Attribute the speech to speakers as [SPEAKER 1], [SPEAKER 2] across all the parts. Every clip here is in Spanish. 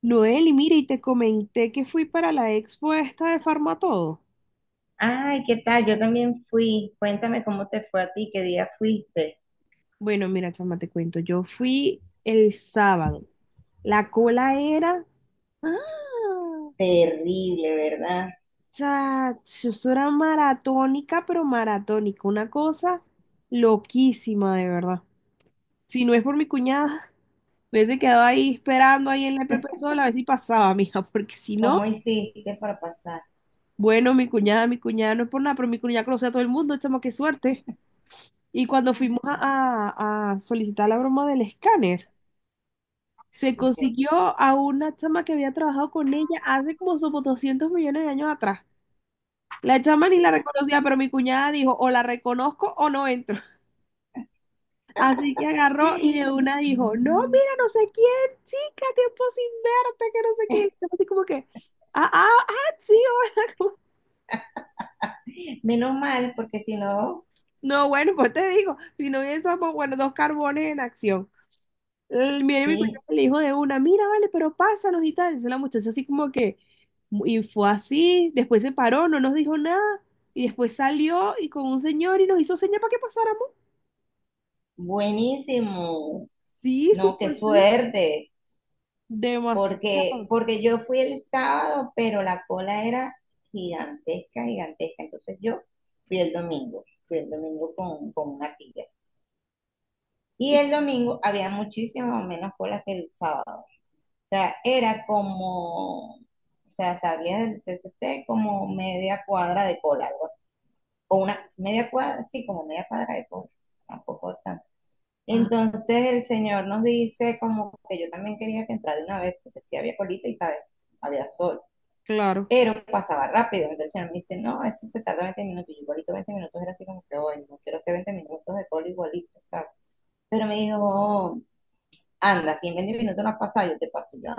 [SPEAKER 1] Noel, y mira, y te comenté que fui para la expo esta de Farmatodo.
[SPEAKER 2] Ay, ¿qué tal? Yo también fui. Cuéntame cómo te fue a ti, qué día fuiste.
[SPEAKER 1] Bueno, mira, chama, te cuento, yo fui el sábado. La cola era. ¡Ah!
[SPEAKER 2] Terrible, ¿verdad?
[SPEAKER 1] Chacho, eso era maratónica, pero maratónica. Una cosa loquísima, de verdad. Si no es por mi cuñada, me hubiese quedado ahí esperando ahí en la E P P sola a ver si pasaba, mija, porque si no,
[SPEAKER 2] ¿Cómo hiciste para pasar?
[SPEAKER 1] bueno, mi cuñada no es por nada, pero mi cuñada conoce a todo el mundo, chama, qué suerte. Y cuando fuimos a, a solicitar la broma del escáner, se
[SPEAKER 2] Ok,
[SPEAKER 1] consiguió a una chama que había trabajado con ella hace como sobre 200 millones de años atrás. La chama ni
[SPEAKER 2] me
[SPEAKER 1] la
[SPEAKER 2] imagino.
[SPEAKER 1] reconocía, pero mi cuñada dijo, o la reconozco o no entro. Así que agarró y de
[SPEAKER 2] Ay,
[SPEAKER 1] una dijo, no,
[SPEAKER 2] mm,
[SPEAKER 1] mira, no sé quién, chica, tiempo sin verte, que no sé qué. Y la chama así como que, ah, ah, ah, sí, hola.
[SPEAKER 2] menos mal, porque si no,
[SPEAKER 1] No, bueno, pues te digo, si no hubiésemos, bueno, dos carbones en acción. Viene mi
[SPEAKER 2] sí,
[SPEAKER 1] cuñado y le dijo de una, mira, vale, pero pásanos y tal. Entonces la muchacha así como que, y fue así, después se paró, no nos dijo nada, y después salió y con un señor y nos hizo señas para que pasáramos.
[SPEAKER 2] buenísimo.
[SPEAKER 1] Sí,
[SPEAKER 2] No, qué
[SPEAKER 1] súper feo,
[SPEAKER 2] suerte. Porque,
[SPEAKER 1] demasiado.
[SPEAKER 2] porque yo fui el sábado, pero la cola era gigantesca, gigantesca. Entonces yo fui el domingo con una tía. Y
[SPEAKER 1] Y-
[SPEAKER 2] el domingo había muchísimo menos cola que el sábado. O sea, era como, o sea, salía del C C T como media cuadra de cola, algo así. O una media cuadra, sí, como media cuadra de cola, tampoco tanto.
[SPEAKER 1] ah,
[SPEAKER 2] Entonces el señor nos dice como que yo también quería que entrara de una vez, porque sí había colita y, ¿sabes? Había sol
[SPEAKER 1] claro,
[SPEAKER 2] pero pasaba rápido. Entonces el señor me dice, no, eso se tarda 20 minutos. Y igualito 20 minutos era así como que, bueno, no quiero hacer 20 minutos de cola igualito, ¿sabes? Pero me dijo, oh, anda, si en 20 minutos no has pasado, yo te paso ya,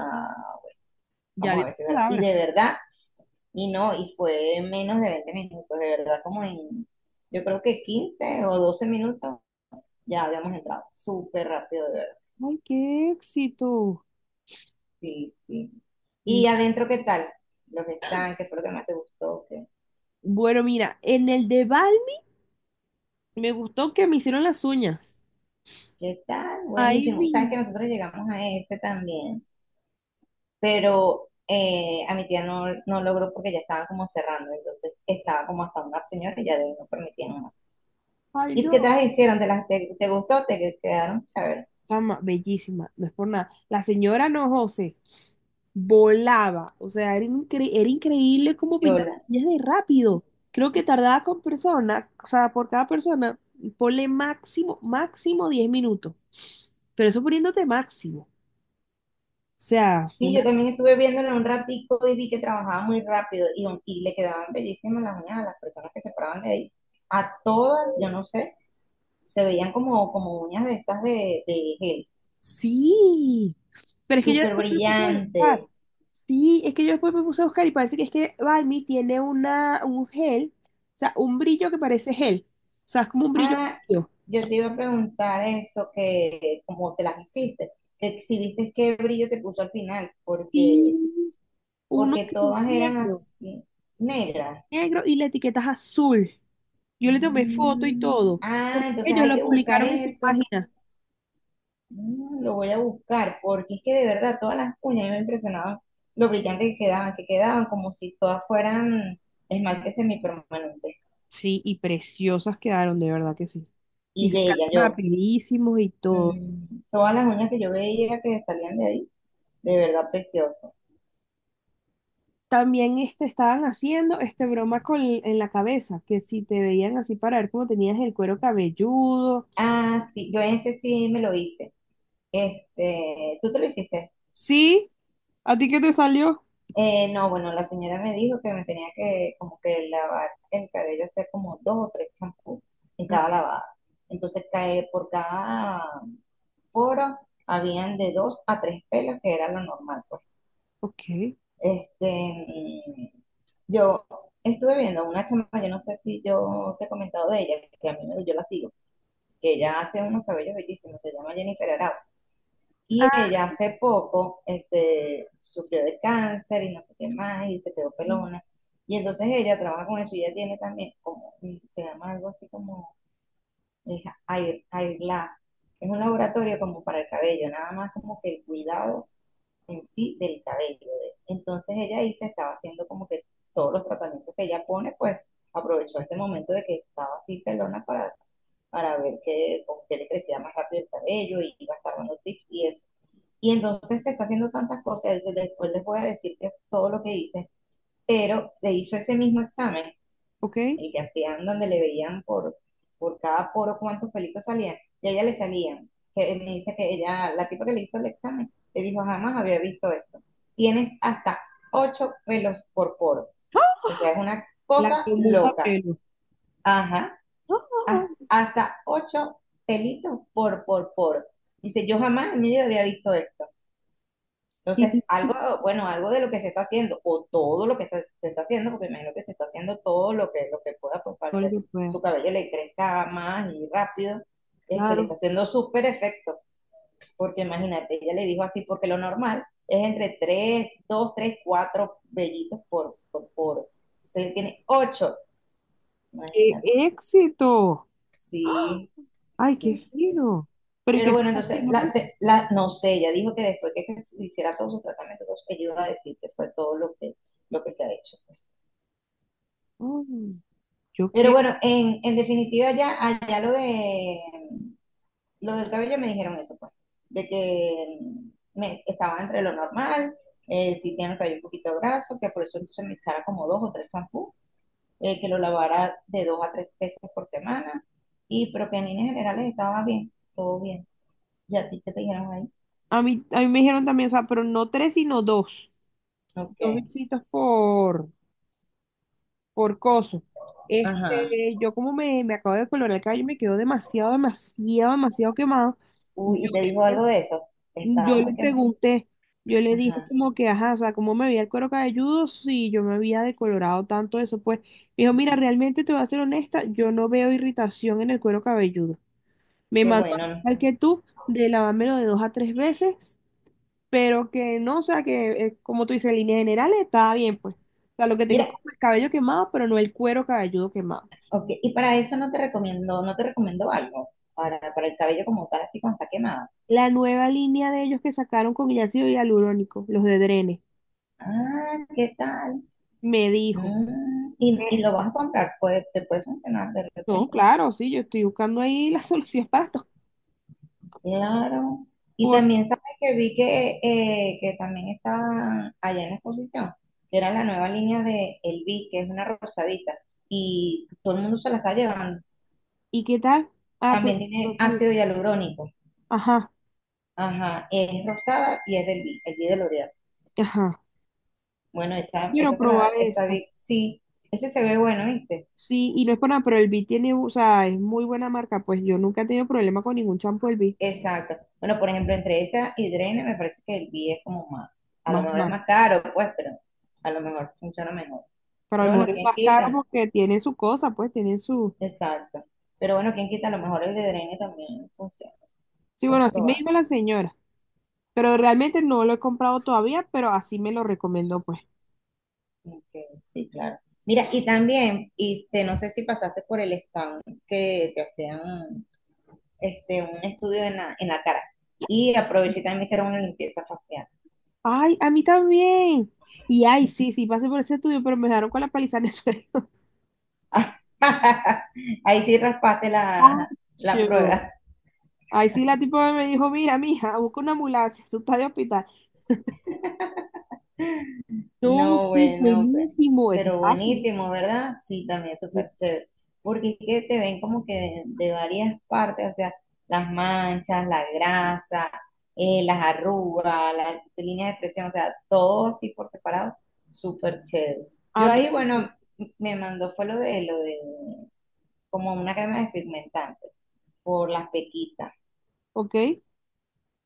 [SPEAKER 1] ya
[SPEAKER 2] vamos
[SPEAKER 1] dio
[SPEAKER 2] a
[SPEAKER 1] su
[SPEAKER 2] ver si es verdad. Y
[SPEAKER 1] palabra.
[SPEAKER 2] de verdad, y no, y fue menos de 20 minutos, de verdad, como en, yo creo que 15 o 12 minutos ya habíamos entrado, súper rápido, de verdad.
[SPEAKER 1] Ay, qué éxito.
[SPEAKER 2] Sí, sí.
[SPEAKER 1] Mm.
[SPEAKER 2] Y adentro, ¿qué tal? Los que están, que fue lo que más te gustó? ¿Qué,
[SPEAKER 1] Bueno, mira, en el de Balmi me gustó que me hicieron las uñas.
[SPEAKER 2] qué tal?
[SPEAKER 1] Ay,
[SPEAKER 2] Buenísimo. Sabes
[SPEAKER 1] mi,
[SPEAKER 2] que nosotros llegamos a ese también, pero a mi tía no logró porque ya estaban como cerrando, entonces estaba como hasta una señora y ya de ahí no permitían más.
[SPEAKER 1] ay,
[SPEAKER 2] ¿Y
[SPEAKER 1] no.
[SPEAKER 2] qué te las hicieron? ¿Te gustó? ¿Te quedaron? A ver,
[SPEAKER 1] Chama, bellísima, no es por nada. La señora, no, José, volaba. O sea, era, era increíble cómo
[SPEAKER 2] yo
[SPEAKER 1] pintaba
[SPEAKER 2] la...
[SPEAKER 1] las uñas de rápido. Creo que tardaba con persona, o sea, por cada persona, ponle máximo, máximo 10 minutos. Pero eso poniéndote máximo. O sea, fue
[SPEAKER 2] Sí,
[SPEAKER 1] una.
[SPEAKER 2] yo también estuve viéndolo un ratico y vi que trabajaba muy rápido y le quedaban bellísimas las uñas a las personas que se paraban de ahí. A todas, yo no sé, se veían como uñas de estas de gel,
[SPEAKER 1] Sí, pero es que yo
[SPEAKER 2] súper
[SPEAKER 1] después me puse a buscar.
[SPEAKER 2] brillante.
[SPEAKER 1] Sí, es que yo después me puse a buscar y parece que es que Balmy tiene una, un gel, o sea, un brillo que parece gel. O sea, es como un brillo.
[SPEAKER 2] Ah, yo te iba a preguntar eso, que como te las hiciste, que si viste qué brillo te puso al final, porque,
[SPEAKER 1] Sí, uno
[SPEAKER 2] porque
[SPEAKER 1] que es
[SPEAKER 2] todas eran
[SPEAKER 1] negro,
[SPEAKER 2] así, negras.
[SPEAKER 1] negro y la etiqueta es azul. Yo le tomé foto y
[SPEAKER 2] Mm,
[SPEAKER 1] todo,
[SPEAKER 2] ah,
[SPEAKER 1] porque
[SPEAKER 2] entonces
[SPEAKER 1] ellos
[SPEAKER 2] hay
[SPEAKER 1] lo
[SPEAKER 2] que buscar
[SPEAKER 1] publicaron en su
[SPEAKER 2] eso.
[SPEAKER 1] página.
[SPEAKER 2] Mm, lo voy a buscar, porque es que de verdad todas las uñas a mí me impresionaban lo brillante que quedaban como si todas fueran esmalte semipermanente
[SPEAKER 1] Sí, y preciosas quedaron, de verdad que sí. Y
[SPEAKER 2] y
[SPEAKER 1] sacaron
[SPEAKER 2] bella yo.
[SPEAKER 1] rapidísimos y todo.
[SPEAKER 2] Mm, todas las uñas que yo veía que salían de ahí, de verdad precioso.
[SPEAKER 1] También este, estaban haciendo este broma con, en la cabeza, que si te veían así para ver cómo tenías el cuero cabelludo.
[SPEAKER 2] Ah, sí, yo ese sí me lo hice. Este, ¿tú te lo hiciste?
[SPEAKER 1] Sí, ¿a ti qué te salió?
[SPEAKER 2] No, bueno, la señora me dijo que me tenía que como que lavar el cabello, hacer como dos o tres champús en
[SPEAKER 1] Ah,
[SPEAKER 2] cada lavada. Entonces, cae por cada poro habían de dos a tres pelos, que era lo normal. Pues.
[SPEAKER 1] ok.
[SPEAKER 2] Este, mm, yo estuve viendo una chama, yo no sé si yo te he comentado de ella, que a mí me, yo la sigo, que ella hace unos cabellos bellísimos. Se llama Jennifer Arau.
[SPEAKER 1] Ah,
[SPEAKER 2] Y ella hace poco este, sufrió de cáncer y no sé qué más, y se quedó pelona. Y entonces ella trabaja con eso y ella tiene también, como, se llama algo así como es Air, Air Lab. Es un laboratorio como para el cabello, nada más como que el cuidado en sí del cabello. Entonces ella ahí se estaba haciendo como que todos los tratamientos que ella pone, pues aprovechó este momento de que estaba así pelona para ver que le crecía más rápido el cabello y iba a estar dando tips y eso. Y entonces se está haciendo tantas cosas, después les voy a decir que todo lo que hice, pero se hizo ese mismo examen,
[SPEAKER 1] ok.
[SPEAKER 2] el que hacían donde le veían por cada poro cuántos pelitos salían, y a ella le salían. Que me dice que ella, la tipa que le hizo el examen, le dijo, jamás había visto esto. Tienes hasta ocho pelos por poro. O sea, es una
[SPEAKER 1] La
[SPEAKER 2] cosa
[SPEAKER 1] tomuza
[SPEAKER 2] loca.
[SPEAKER 1] pelo.
[SPEAKER 2] Ajá.
[SPEAKER 1] No, no, no.
[SPEAKER 2] Hasta ocho pelitos por, por. Dice, yo jamás en mi vida había visto esto.
[SPEAKER 1] Qué
[SPEAKER 2] Entonces, algo, bueno, algo de lo que se está haciendo, o todo lo que está- se está haciendo, porque me imagino que se está haciendo todo lo que pueda, pues, para que
[SPEAKER 1] increíble.
[SPEAKER 2] su cabello le crezca más y rápido, este, le está
[SPEAKER 1] Claro.
[SPEAKER 2] haciendo súper efecto, porque imagínate, ella le dijo así, porque lo normal es entre 3 2 3 4 vellitos por, entonces él tiene 8,
[SPEAKER 1] ¡Qué
[SPEAKER 2] imagínate,
[SPEAKER 1] éxito!
[SPEAKER 2] sí,
[SPEAKER 1] ¡Ay, qué
[SPEAKER 2] sí, sí.
[SPEAKER 1] fino! Pero ¿y
[SPEAKER 2] Pero
[SPEAKER 1] qué se
[SPEAKER 2] bueno,
[SPEAKER 1] está
[SPEAKER 2] entonces, la,
[SPEAKER 1] haciendo,
[SPEAKER 2] se- la- no sé, ella dijo que después que se hiciera todo su tratamiento, entonces ella iba a decir que fue todo lo que se ha hecho. Pues.
[SPEAKER 1] no? Mm, yo
[SPEAKER 2] Pero
[SPEAKER 1] quiero.
[SPEAKER 2] bueno, en definitiva, ya, allá lo de lo del cabello me dijeron eso, pues, de que me, estaba entre lo normal, si tiene el cabello un poquito graso, que por eso entonces me echara como dos o tres shampoos, que lo lavara de dos a tres veces por semana, y pero que en líneas generales estaba bien, todo bien. ¿Y a ti qué te dijeron ahí?
[SPEAKER 1] A mí me dijeron también, o sea, pero no tres, sino dos.
[SPEAKER 2] Ok.
[SPEAKER 1] Dos bichitos por coso.
[SPEAKER 2] Ajá.
[SPEAKER 1] Este, yo como me acabo de colorar el cabello, me quedó demasiado, demasiado, demasiado quemado.
[SPEAKER 2] Uy, y te dijo algo de eso.
[SPEAKER 1] Yo
[SPEAKER 2] Estaba
[SPEAKER 1] le
[SPEAKER 2] muy quemada.
[SPEAKER 1] pregunté, yo le dije
[SPEAKER 2] Ajá,
[SPEAKER 1] como que, ajá, o sea, ¿cómo me veía el cuero cabelludo si yo me había decolorado tanto eso? Pues me dijo,
[SPEAKER 2] ujú.
[SPEAKER 1] mira, realmente te voy a ser honesta, yo no veo irritación en el cuero cabelludo. Me
[SPEAKER 2] Qué
[SPEAKER 1] mandó
[SPEAKER 2] bueno, ¿no?
[SPEAKER 1] al que tú de lavármelo de 2 a 3 veces, pero que no, o sea, que como tú dices, en líneas generales estaba bien, pues. O sea, lo que tengo
[SPEAKER 2] Mira,
[SPEAKER 1] es como el cabello quemado, pero no el cuero cabelludo quemado.
[SPEAKER 2] ok. Y para eso no te recomiendo algo. Para el cabello como tal, así cuando está quemado.
[SPEAKER 1] La nueva línea de ellos que sacaron con ácido hialurónico, los de Drene,
[SPEAKER 2] Ah, ¿qué tal?
[SPEAKER 1] me dijo.
[SPEAKER 2] Mm, y lo vas a comprar, pues te puede funcionar de
[SPEAKER 1] No,
[SPEAKER 2] repente.
[SPEAKER 1] claro, sí, yo estoy buscando ahí las soluciones para estos
[SPEAKER 2] Claro. Y
[SPEAKER 1] cortes.
[SPEAKER 2] también sabes que vi que también estaba allá en la exposición, que era la nueva línea de El Vi, que es una rosadita. Y todo el mundo se la está llevando.
[SPEAKER 1] ¿Y qué tal? Ah, pero
[SPEAKER 2] También
[SPEAKER 1] no
[SPEAKER 2] tiene
[SPEAKER 1] todavía.
[SPEAKER 2] ácido hialurónico.
[SPEAKER 1] Ajá,
[SPEAKER 2] Ajá, es rosada y es del B, el Bee de L'Oreal.
[SPEAKER 1] ajá.
[SPEAKER 2] Bueno, esa,
[SPEAKER 1] Quiero
[SPEAKER 2] esa se
[SPEAKER 1] probar
[SPEAKER 2] la, esa
[SPEAKER 1] esta.
[SPEAKER 2] vi- sí, ese se ve bueno, ¿viste?
[SPEAKER 1] Sí, y no es por nada, pero el B tiene, o sea, es muy buena marca. Pues yo nunca he tenido problema con ningún champú del B,
[SPEAKER 2] Exacto. Bueno, por ejemplo, entre esa y Drene me parece que el B es como más, a lo
[SPEAKER 1] más
[SPEAKER 2] mejor es
[SPEAKER 1] marca.
[SPEAKER 2] más caro, pues, pero a lo mejor funciona mejor.
[SPEAKER 1] Pero a lo
[SPEAKER 2] Pero bueno,
[SPEAKER 1] mejor es
[SPEAKER 2] ¿quién
[SPEAKER 1] más caro
[SPEAKER 2] quita?
[SPEAKER 1] porque tiene su cosa, pues tiene su.
[SPEAKER 2] Exacto. Pero bueno, ¿quién quita? A lo mejor el de Drene también funciona.
[SPEAKER 1] Sí,
[SPEAKER 2] Puedes
[SPEAKER 1] bueno, así me
[SPEAKER 2] probar.
[SPEAKER 1] dijo la señora. Pero realmente no lo he comprado todavía, pero así me lo recomendó, pues.
[SPEAKER 2] Ok, sí, claro. Mira, y también, este, no sé si pasaste por el stand que te hacían este, un estudio en la cara. Y aproveché y también me hicieron una limpieza facial.
[SPEAKER 1] Ay, a mí también. Y ay, sí, sí, pasé por ese estudio, pero me dejaron con la paliza en el suelo.
[SPEAKER 2] Ahí sí raspaste la, la
[SPEAKER 1] Acho.
[SPEAKER 2] prueba.
[SPEAKER 1] Ahí sí, la tipa me dijo, mira, mija, busca una ambulancia, tú estás de hospital. No,
[SPEAKER 2] No,
[SPEAKER 1] sí,
[SPEAKER 2] bueno,
[SPEAKER 1] buenísimo, eso
[SPEAKER 2] pero
[SPEAKER 1] estaba feliz.
[SPEAKER 2] buenísimo, ¿verdad? Sí, también súper chévere. Porque es que te ven como que de varias partes, o sea, las manchas, la grasa, las arrugas, las líneas de expresión, o sea, todo así por separado, súper chévere.
[SPEAKER 1] A
[SPEAKER 2] Yo
[SPEAKER 1] mí,
[SPEAKER 2] ahí, bueno, me mandó fue lo de como una crema despigmentante por las pequitas
[SPEAKER 1] ok,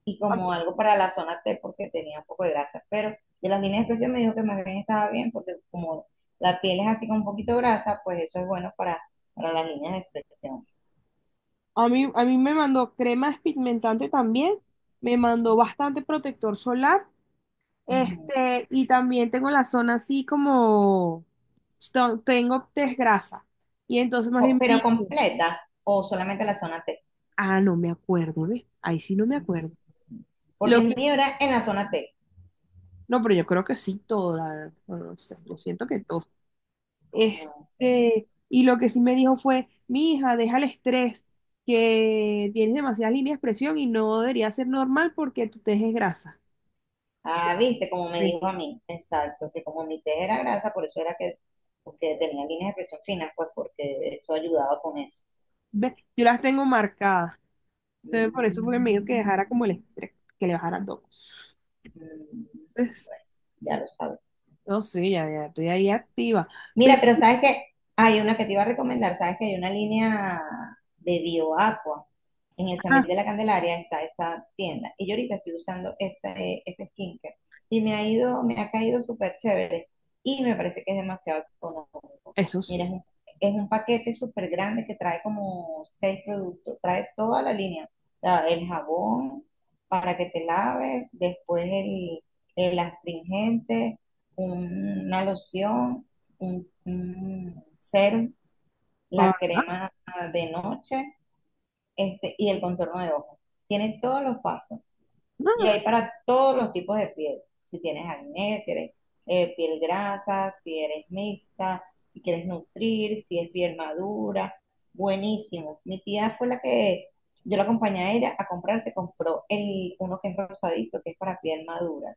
[SPEAKER 2] y como
[SPEAKER 1] mí,
[SPEAKER 2] algo para la zona T porque tenía un poco de grasa. Pero de las líneas especiales me dijo que más bien estaba bien porque como la piel es así con un poquito grasa, pues eso es bueno para las líneas de expresión.
[SPEAKER 1] a mí me mandó crema pigmentantes también, me mandó bastante protector solar,
[SPEAKER 2] Ujú.
[SPEAKER 1] este, y también tengo la zona así como, tengo desgrasa. Y entonces más
[SPEAKER 2] Co-
[SPEAKER 1] bien me
[SPEAKER 2] Pero
[SPEAKER 1] dijo,
[SPEAKER 2] completa o solamente la zona T.
[SPEAKER 1] ah, no me acuerdo, ¿ves? Ahí sí no me
[SPEAKER 2] Ujú.
[SPEAKER 1] acuerdo.
[SPEAKER 2] Porque
[SPEAKER 1] Lo
[SPEAKER 2] el
[SPEAKER 1] que,
[SPEAKER 2] mío era en la zona T.
[SPEAKER 1] no, pero yo creo que sí, toda, no sé, lo siento que todo.
[SPEAKER 2] No, ok.
[SPEAKER 1] Este, y lo que sí me dijo fue, mi hija, deja el estrés, que tienes demasiadas líneas de expresión y no debería ser normal porque tu tez es grasa.
[SPEAKER 2] Ah, viste, como me
[SPEAKER 1] Ve,
[SPEAKER 2] dijo a mí, exacto, que como mi T era grasa, por eso era que porque tenía líneas de expresión finas, pues porque eso ayudaba con eso.
[SPEAKER 1] ve, yo las tengo marcadas.
[SPEAKER 2] Mm,
[SPEAKER 1] Entonces, por
[SPEAKER 2] mm,
[SPEAKER 1] eso fue que me dijo que
[SPEAKER 2] mm,
[SPEAKER 1] dejara
[SPEAKER 2] mm.
[SPEAKER 1] como el estrés, que le bajara dos.
[SPEAKER 2] Bueno,
[SPEAKER 1] Pues,
[SPEAKER 2] ya lo sabes.
[SPEAKER 1] no sé, ya, ya estoy ahí activa.
[SPEAKER 2] Mira,
[SPEAKER 1] Pero,
[SPEAKER 2] pero sabes que hay una que te iba a recomendar, sabes que hay una línea de BioAqua en el Samil
[SPEAKER 1] ajá,
[SPEAKER 2] de la Candelaria, está esa tienda. Y yo ahorita estoy usando ese skincare y me ha ido, me ha caído súper chévere y me parece que es demasiado económico.
[SPEAKER 1] eso
[SPEAKER 2] Mira,
[SPEAKER 1] sí.
[SPEAKER 2] es un paquete súper grande que trae como seis productos, trae toda la línea, el jabón para que te laves, después el astringente, una loción un serum,
[SPEAKER 1] Ah,
[SPEAKER 2] la crema de noche este, y el contorno de ojos. Tiene todos los pasos
[SPEAKER 1] no,
[SPEAKER 2] y
[SPEAKER 1] no,
[SPEAKER 2] hay para todos los tipos de piel. Si tienes acné, si eres piel grasa, si eres mixta, si quieres nutrir, si es piel madura, buenísimo. Mi tía fue la que yo la acompañé a ella a comprar, se compró el, uno que es rosadito, que es para piel madura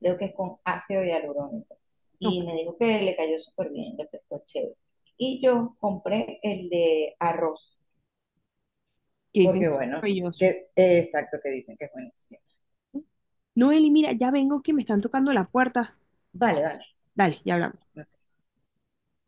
[SPEAKER 2] creo que es con ácido hialurónico.
[SPEAKER 1] no,
[SPEAKER 2] Y me dijo que le cayó súper bien, le prestó chévere. Y yo compré el de arroz,
[SPEAKER 1] que dicen
[SPEAKER 2] porque
[SPEAKER 1] que es
[SPEAKER 2] bueno,
[SPEAKER 1] maravilloso.
[SPEAKER 2] que, exacto, que dicen que es buenísimo.
[SPEAKER 1] Noeli, mira, ya vengo que me están tocando la puerta.
[SPEAKER 2] Vale, vale,
[SPEAKER 1] Dale, ya hablamos.